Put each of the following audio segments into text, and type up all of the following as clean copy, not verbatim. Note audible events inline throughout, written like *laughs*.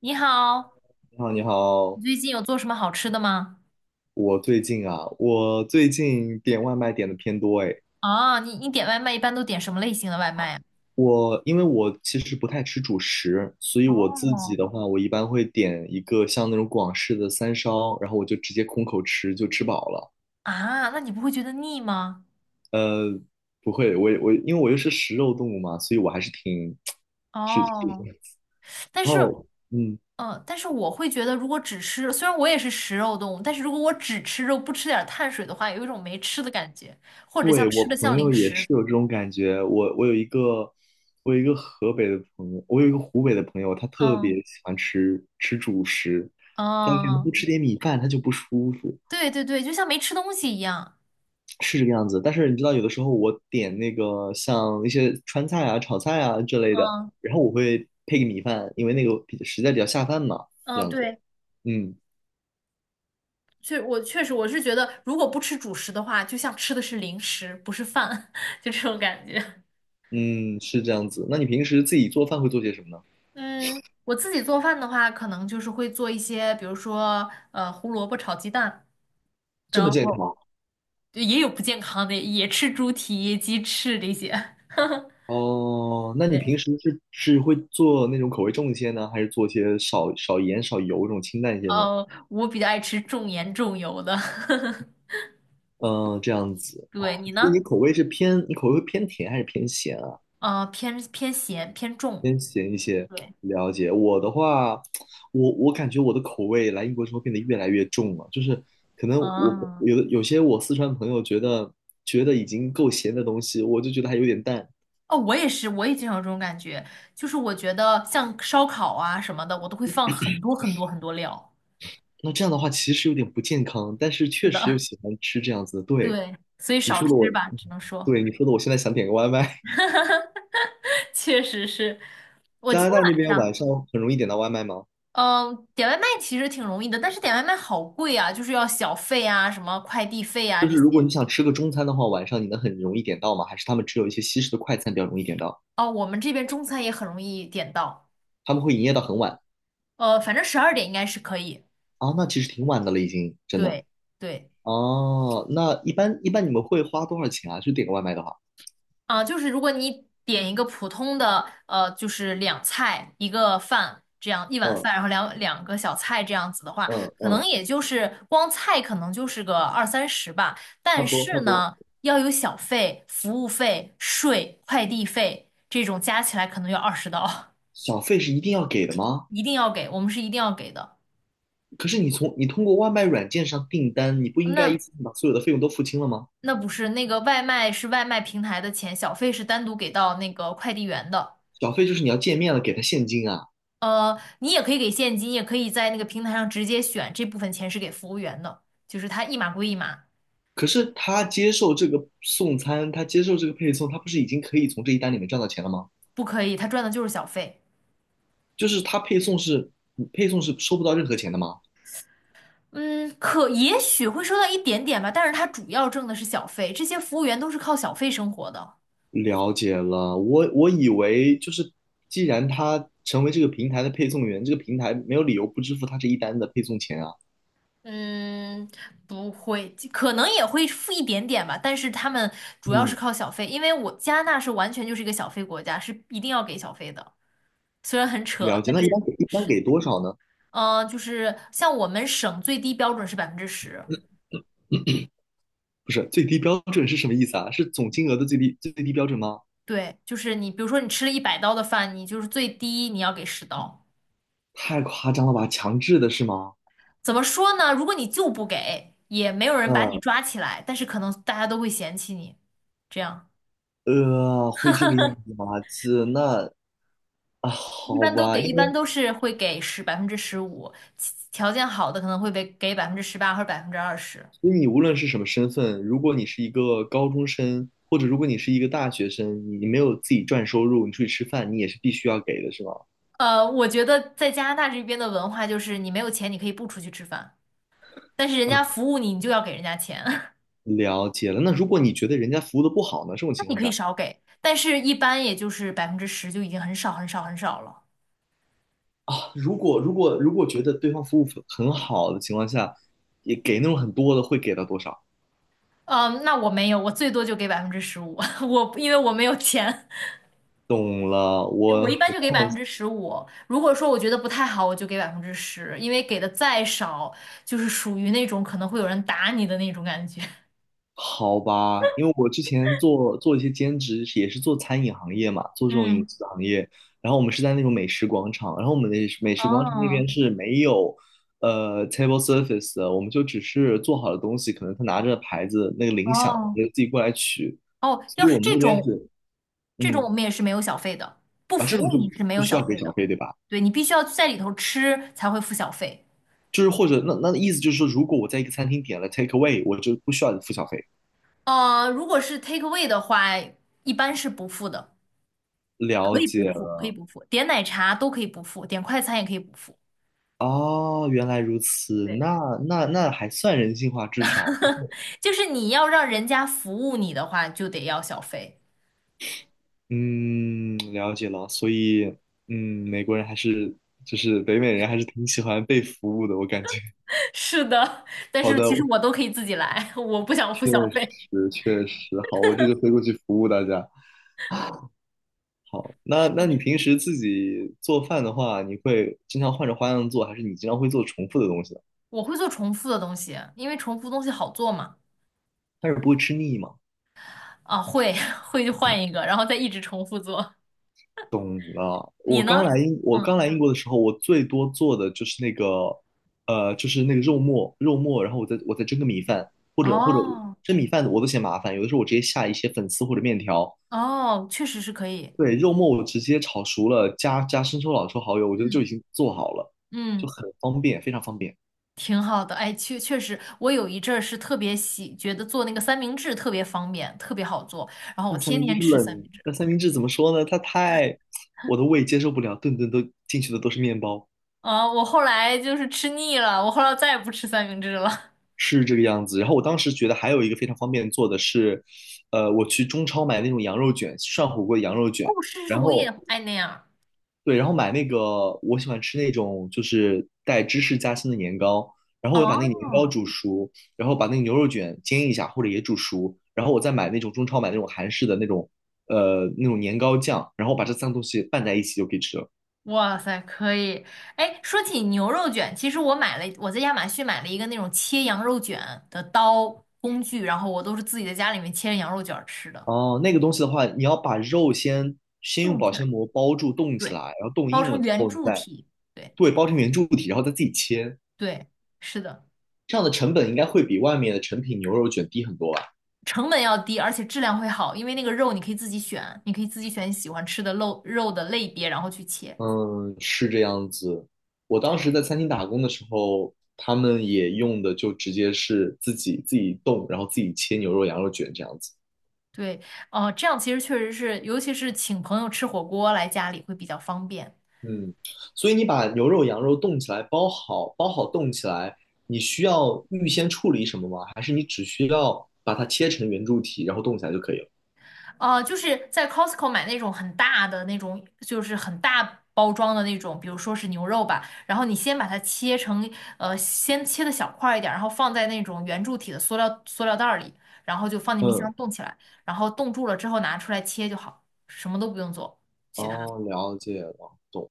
你好，你好，你你好，最近有做什么好吃的吗？我最近点外卖点的偏多诶。啊，你点外卖一般都点什么类型的外卖呀？因为我其实不太吃主食，所以我自己哦，的话，我一般会点一个像那种广式的三烧，然后我就直接空口吃，就吃饱了。啊，那你不会觉得腻吗？呃，不会，我因为我又是食肉动物嘛，所以我还是挺 *tsk* 是，是，哦，但然是，后嗯。嗯、但是我会觉得，如果只吃，虽然我也是食肉动物，但是如果我只吃肉，不吃点儿碳水的话，有一种没吃的感觉，或者像对，吃我的像朋友零也是食。有这种感觉。我有一个河北的朋友，我有一个湖北的朋友，他特别嗯喜欢吃主食，但是嗯，不吃点米饭他就不舒服，对对对，就像没吃东西一样。是这个样子。但是你知道，有的时候我点那个像一些川菜啊、炒菜啊之类的，嗯然后我会配个米饭，因为那个比实在比较下饭嘛，这嗯，样子。对。嗯我确实我是觉得，如果不吃主食的话，就像吃的是零食，不是饭，*laughs* 就这种感觉。嗯，是这样子。那你平时自己做饭会做些什么呢？*laughs* 嗯，我自己做饭的话，可能就是会做一些，比如说胡萝卜炒鸡蛋，这么然健康？后也有不健康的，也吃猪蹄、鸡翅这些。哦，那你平对，时是会做那种口味重一些呢，还是做一些少盐少油这种清淡一些呢？我比较爱吃重盐重油的。*laughs* 嗯，这样子，对，你所以呢？你口味会偏甜还是偏咸啊？偏咸偏重。偏咸一些，对，了解。我的话，我感觉我的口味来英国之后变得越来越重了，就是可能我啊。有些我四川朋友觉得已经够咸的东西，我就觉得还有点淡。哦，我也是，我也经常有这种感觉，就是我觉得像烧烤啊什么的，我都会放很多很多很多料。那这样的话其实有点不健康，但是是确实又的，喜欢吃这样子的，对。对，所以你少说的我，吃吧，只能说，对你说的，我现在想点个外卖。*laughs* 确实是。*laughs* 我加今拿天大那晚边上，晚上很容易点到外卖吗？嗯，点外卖其实挺容易的，但是点外卖好贵啊，就是要小费啊，什么快递费啊就这是如果些。你想吃个中餐的话，晚上你能很容易点到吗？还是他们只有一些西式的快餐比较容易点到？哦，我们这边中餐也很容易点到，他们会营业到很晚反正12点应该是可以。啊？那其实挺晚的了，已经真的。对对。哦，那一般你们会花多少钱啊？就点个外卖的话，啊，就是如果你点一个普通的，就是两菜一个饭这样一碗嗯饭，然后两个小菜这样子的话，嗯可能嗯，也就是光菜可能就是个二三十吧。差但不多差是不多。呢，要有小费、服务费、税、快递费这种加起来可能要20刀，小费是一定要给的 *laughs* 吗？一定要给，我们是一定要给的。可是你通过外卖软件上订单，你不应该那一次性把所有的费用都付清了吗？那不是那个外卖是外卖平台的钱，小费是单独给到那个快递员的。小费就是你要见面了给他现金啊。你也可以给现金，也可以在那个平台上直接选这部分钱是给服务员的，就是他一码归一码，可是他接受这个送餐，他接受这个配送，他不是已经可以从这一单里面赚到钱了吗？不可以，他赚的就是小费。就是他配送是配送是收不到任何钱的吗？嗯，可也许会收到一点点吧，但是他主要挣的是小费，这些服务员都是靠小费生活的。了解了，我以为就是既然他成为这个平台的配送员，这个平台没有理由不支付他这一单的配送钱啊。嗯，不会，可能也会付一点点吧，但是他们主要是嗯，靠小费，因为我加拿大是完全就是一个小费国家，是一定要给小费的，虽然很扯，了解。但那一是般给一般是，给多少呢？就是像我们省最低标准是百分之十。不是最低标准是什么意思啊？是总金额的最低标准吗？对，就是你，比如说你吃了100刀的饭，你就是最低你要给十刀。太夸张了吧，强制的是吗？怎么说呢？如果你就不给，也没有人把你嗯，抓起来，但是可能大家都会嫌弃你。这样会这个样子吗？啊，一好般都吧，给，一因般为都是会给百分之十五，其条件好的可能会被给18%或者20%。所以你无论是什么身份，如果你是一个高中生，或者如果你是一个大学生，你没有自己赚收入，你出去吃饭，你也是必须要给的，是吗？我觉得在加拿大这边的文化就是你没有钱你可以不出去吃饭，但是人家服务你，你就要给人家钱，*laughs* 那嗯，了解了。那如果你觉得人家服务的不好呢？这种情你况可以下少给，但是一般也就是百分之十就已经很少很少很少了。啊，如果觉得对方服务很好的情况下，也给那种很多的，会给到多少？嗯，那我没有，我最多就给百分之十五，*laughs* 我因为我没有钱，懂了，我一我般我就给换百分之十五。如果说我觉得不太好，我就给百分之十，因为给的再少，就是属于那种可能会有人打你的那种感觉。好吧，因为我之前做一些兼职，也是做餐饮行业嘛，*laughs* 做这种饮嗯，食行业。然后我们是在那种美食广场，然后我们的美食广场那哦边是没有table service 的，我们就只是做好的东西，可能他拿着牌子那个铃响，我哦们就自己过来取。哦，所要以是我们这那边种，是这种嗯我们也是没有小费的，不啊服这种务就你是没不有需小要给费小的，费对吧？对你必须要在里头吃才会付小费。就是或者那意思就是说，如果我在一个餐厅点了 take away，我就不需要付小费。如果是 take away 的话，一般是不付的。了可以不解，付，可以不付，点奶茶都可以不付，点快餐也可以不付。哦，原来如此，对，那还算人性化，至少，就是你要让人家服务你的话，就得要小费。嗯，了解了。所以，嗯，美国人还是就是北美人还是挺喜欢被服务的，我感觉。*laughs* 是的，但好是的，其实我都可以自己来，*laughs* 我不想付确小费。实确实，好，我这就飞过去服务大家。好，那是那你的，平时自己做饭的话，你会经常换着花样做，还是你经常会做重复的东西呢？我会做重复的东西，因为重复东西好做嘛。但是不会吃腻吗？啊，会 *laughs* 会就换一个，然后再一直重复做。懂了。你呢？我嗯，刚来英国的时候，我最多做的就是那个，就是那个肉末，然后我再蒸个米饭，或者哦蒸米饭我都嫌麻烦，有的时候我直接下一些粉丝或者面条。哦，确实是可以。对，肉末我直接炒熟了，加生抽、老抽、蚝油，我觉得就嗯已经做好了，嗯。就很方便，非常方便。挺好的，哎，确实，我有一阵儿是特别喜，觉得做那个三明治特别方便，特别好做，然后我天天吃三明治。那三明治怎么说呢？我的胃接受不了，顿顿都进去的都是面包。啊，我后来就是吃腻了，我后来再也不吃三明治了。*laughs* 是这个样子。然后我当时觉得还有一个非常方便做的是，我去中超买那种羊肉卷，涮火锅的羊肉哦，卷，是是，然我也后爱那样对，然后买那个我喜欢吃那种就是带芝士夹心的年糕，然后我把那个年糕哦，煮熟，然后把那个牛肉卷煎一下或者也煮熟，然后我再买那种中超买那种韩式的那种年糕酱，然后把这三个东西拌在一起就可以吃了。哇塞，可以。哎，说起牛肉卷，其实我买了，我在亚马逊买了一个那种切羊肉卷的刀工具，然后我都是自己在家里面切着羊肉卷儿吃的，哦，那个东西的话，你要把肉先用冻保起来，鲜膜包住冻起来，对，然后冻包硬了成之圆后，柱体，对对，包成圆柱体，然后再自己切，对，是的。这样的成本应该会比外面的成品牛肉卷低很多吧？成本要低，而且质量会好，因为那个肉你可以自己选，你可以自己选你喜欢吃的肉的类别，然后去切。嗯，是这样子。我当对，时在餐厅打工的时候，他们也用的就直接是自己冻，然后自己切牛肉、羊肉卷这样子。对，哦、这样其实确实是，尤其是请朋友吃火锅来家里会比较方便。嗯，所以你把牛肉、羊肉冻起来，包好冻起来，你需要预先处理什么吗？还是你只需要把它切成圆柱体，然后冻起来就可以了？就是在 Costco 买那种很大的那种，就是很大包装的那种，比如说是牛肉吧，然后你先把它切成，先切的小块儿一点儿，然后放在那种圆柱体的塑料袋儿里，然后就放进冰嗯，箱冻起来，然后冻住了之后拿出来切就好，什么都不用做，其他，哦，了解了，懂。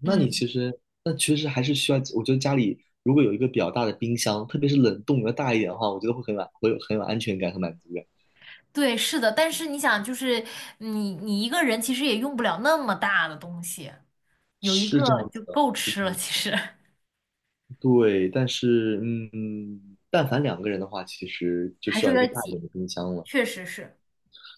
嗯，那其实还是需要，我觉得家里如果有一个比较大的冰箱，特别是冷冻要大一点的话，我觉得会很满，会有很有安全感和满足感。对，是的，但是你想，就是你一个人其实也用不了那么大的东西，有一个是这样子就的，够是吃这了，样子的。其实 *laughs* 对，但是，嗯，但凡两个人的话，其实就还需是有要一个点大一挤，点的冰箱了。确实是，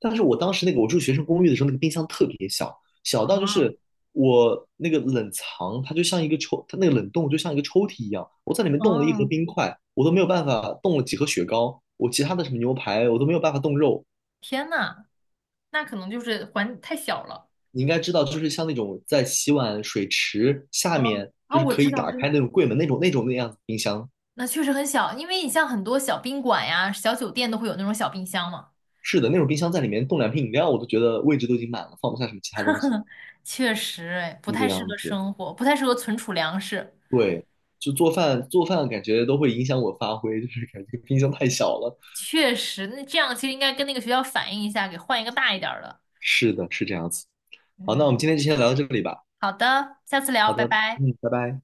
但是我当时那个我住学生公寓的时候，那个冰箱特别小，小到就啊，是我那个冷藏，它那个冷冻就像一个抽屉一样，我在里面冻了一盒哦。冰块，我都没有办法冻了几盒雪糕，我其他的什么牛排我都没有办法冻肉。天呐，那可能就是环太小了。你应该知道，就是像那种在洗碗水池下啊面，就啊，是我可知以道，我打知开道，那种柜门那样子冰箱。那确实很小，因为你像很多小宾馆呀、小酒店都会有那种小冰箱嘛。是的，那种冰箱在里面冻两瓶饮料，我都觉得位置都已经满了，放不下什么其他东西，确实，哎，不就这太适样合子。生活，不太适合存储粮食。对，就做饭感觉都会影响我发挥，就是感觉冰箱太小了。确实，那这样其实应该跟那个学校反映一下，给换一个大一点儿的。是的，是这样子。好，那我们嗯，今天就先聊到这里吧。好的，下次聊，好拜的，拜。嗯，拜拜。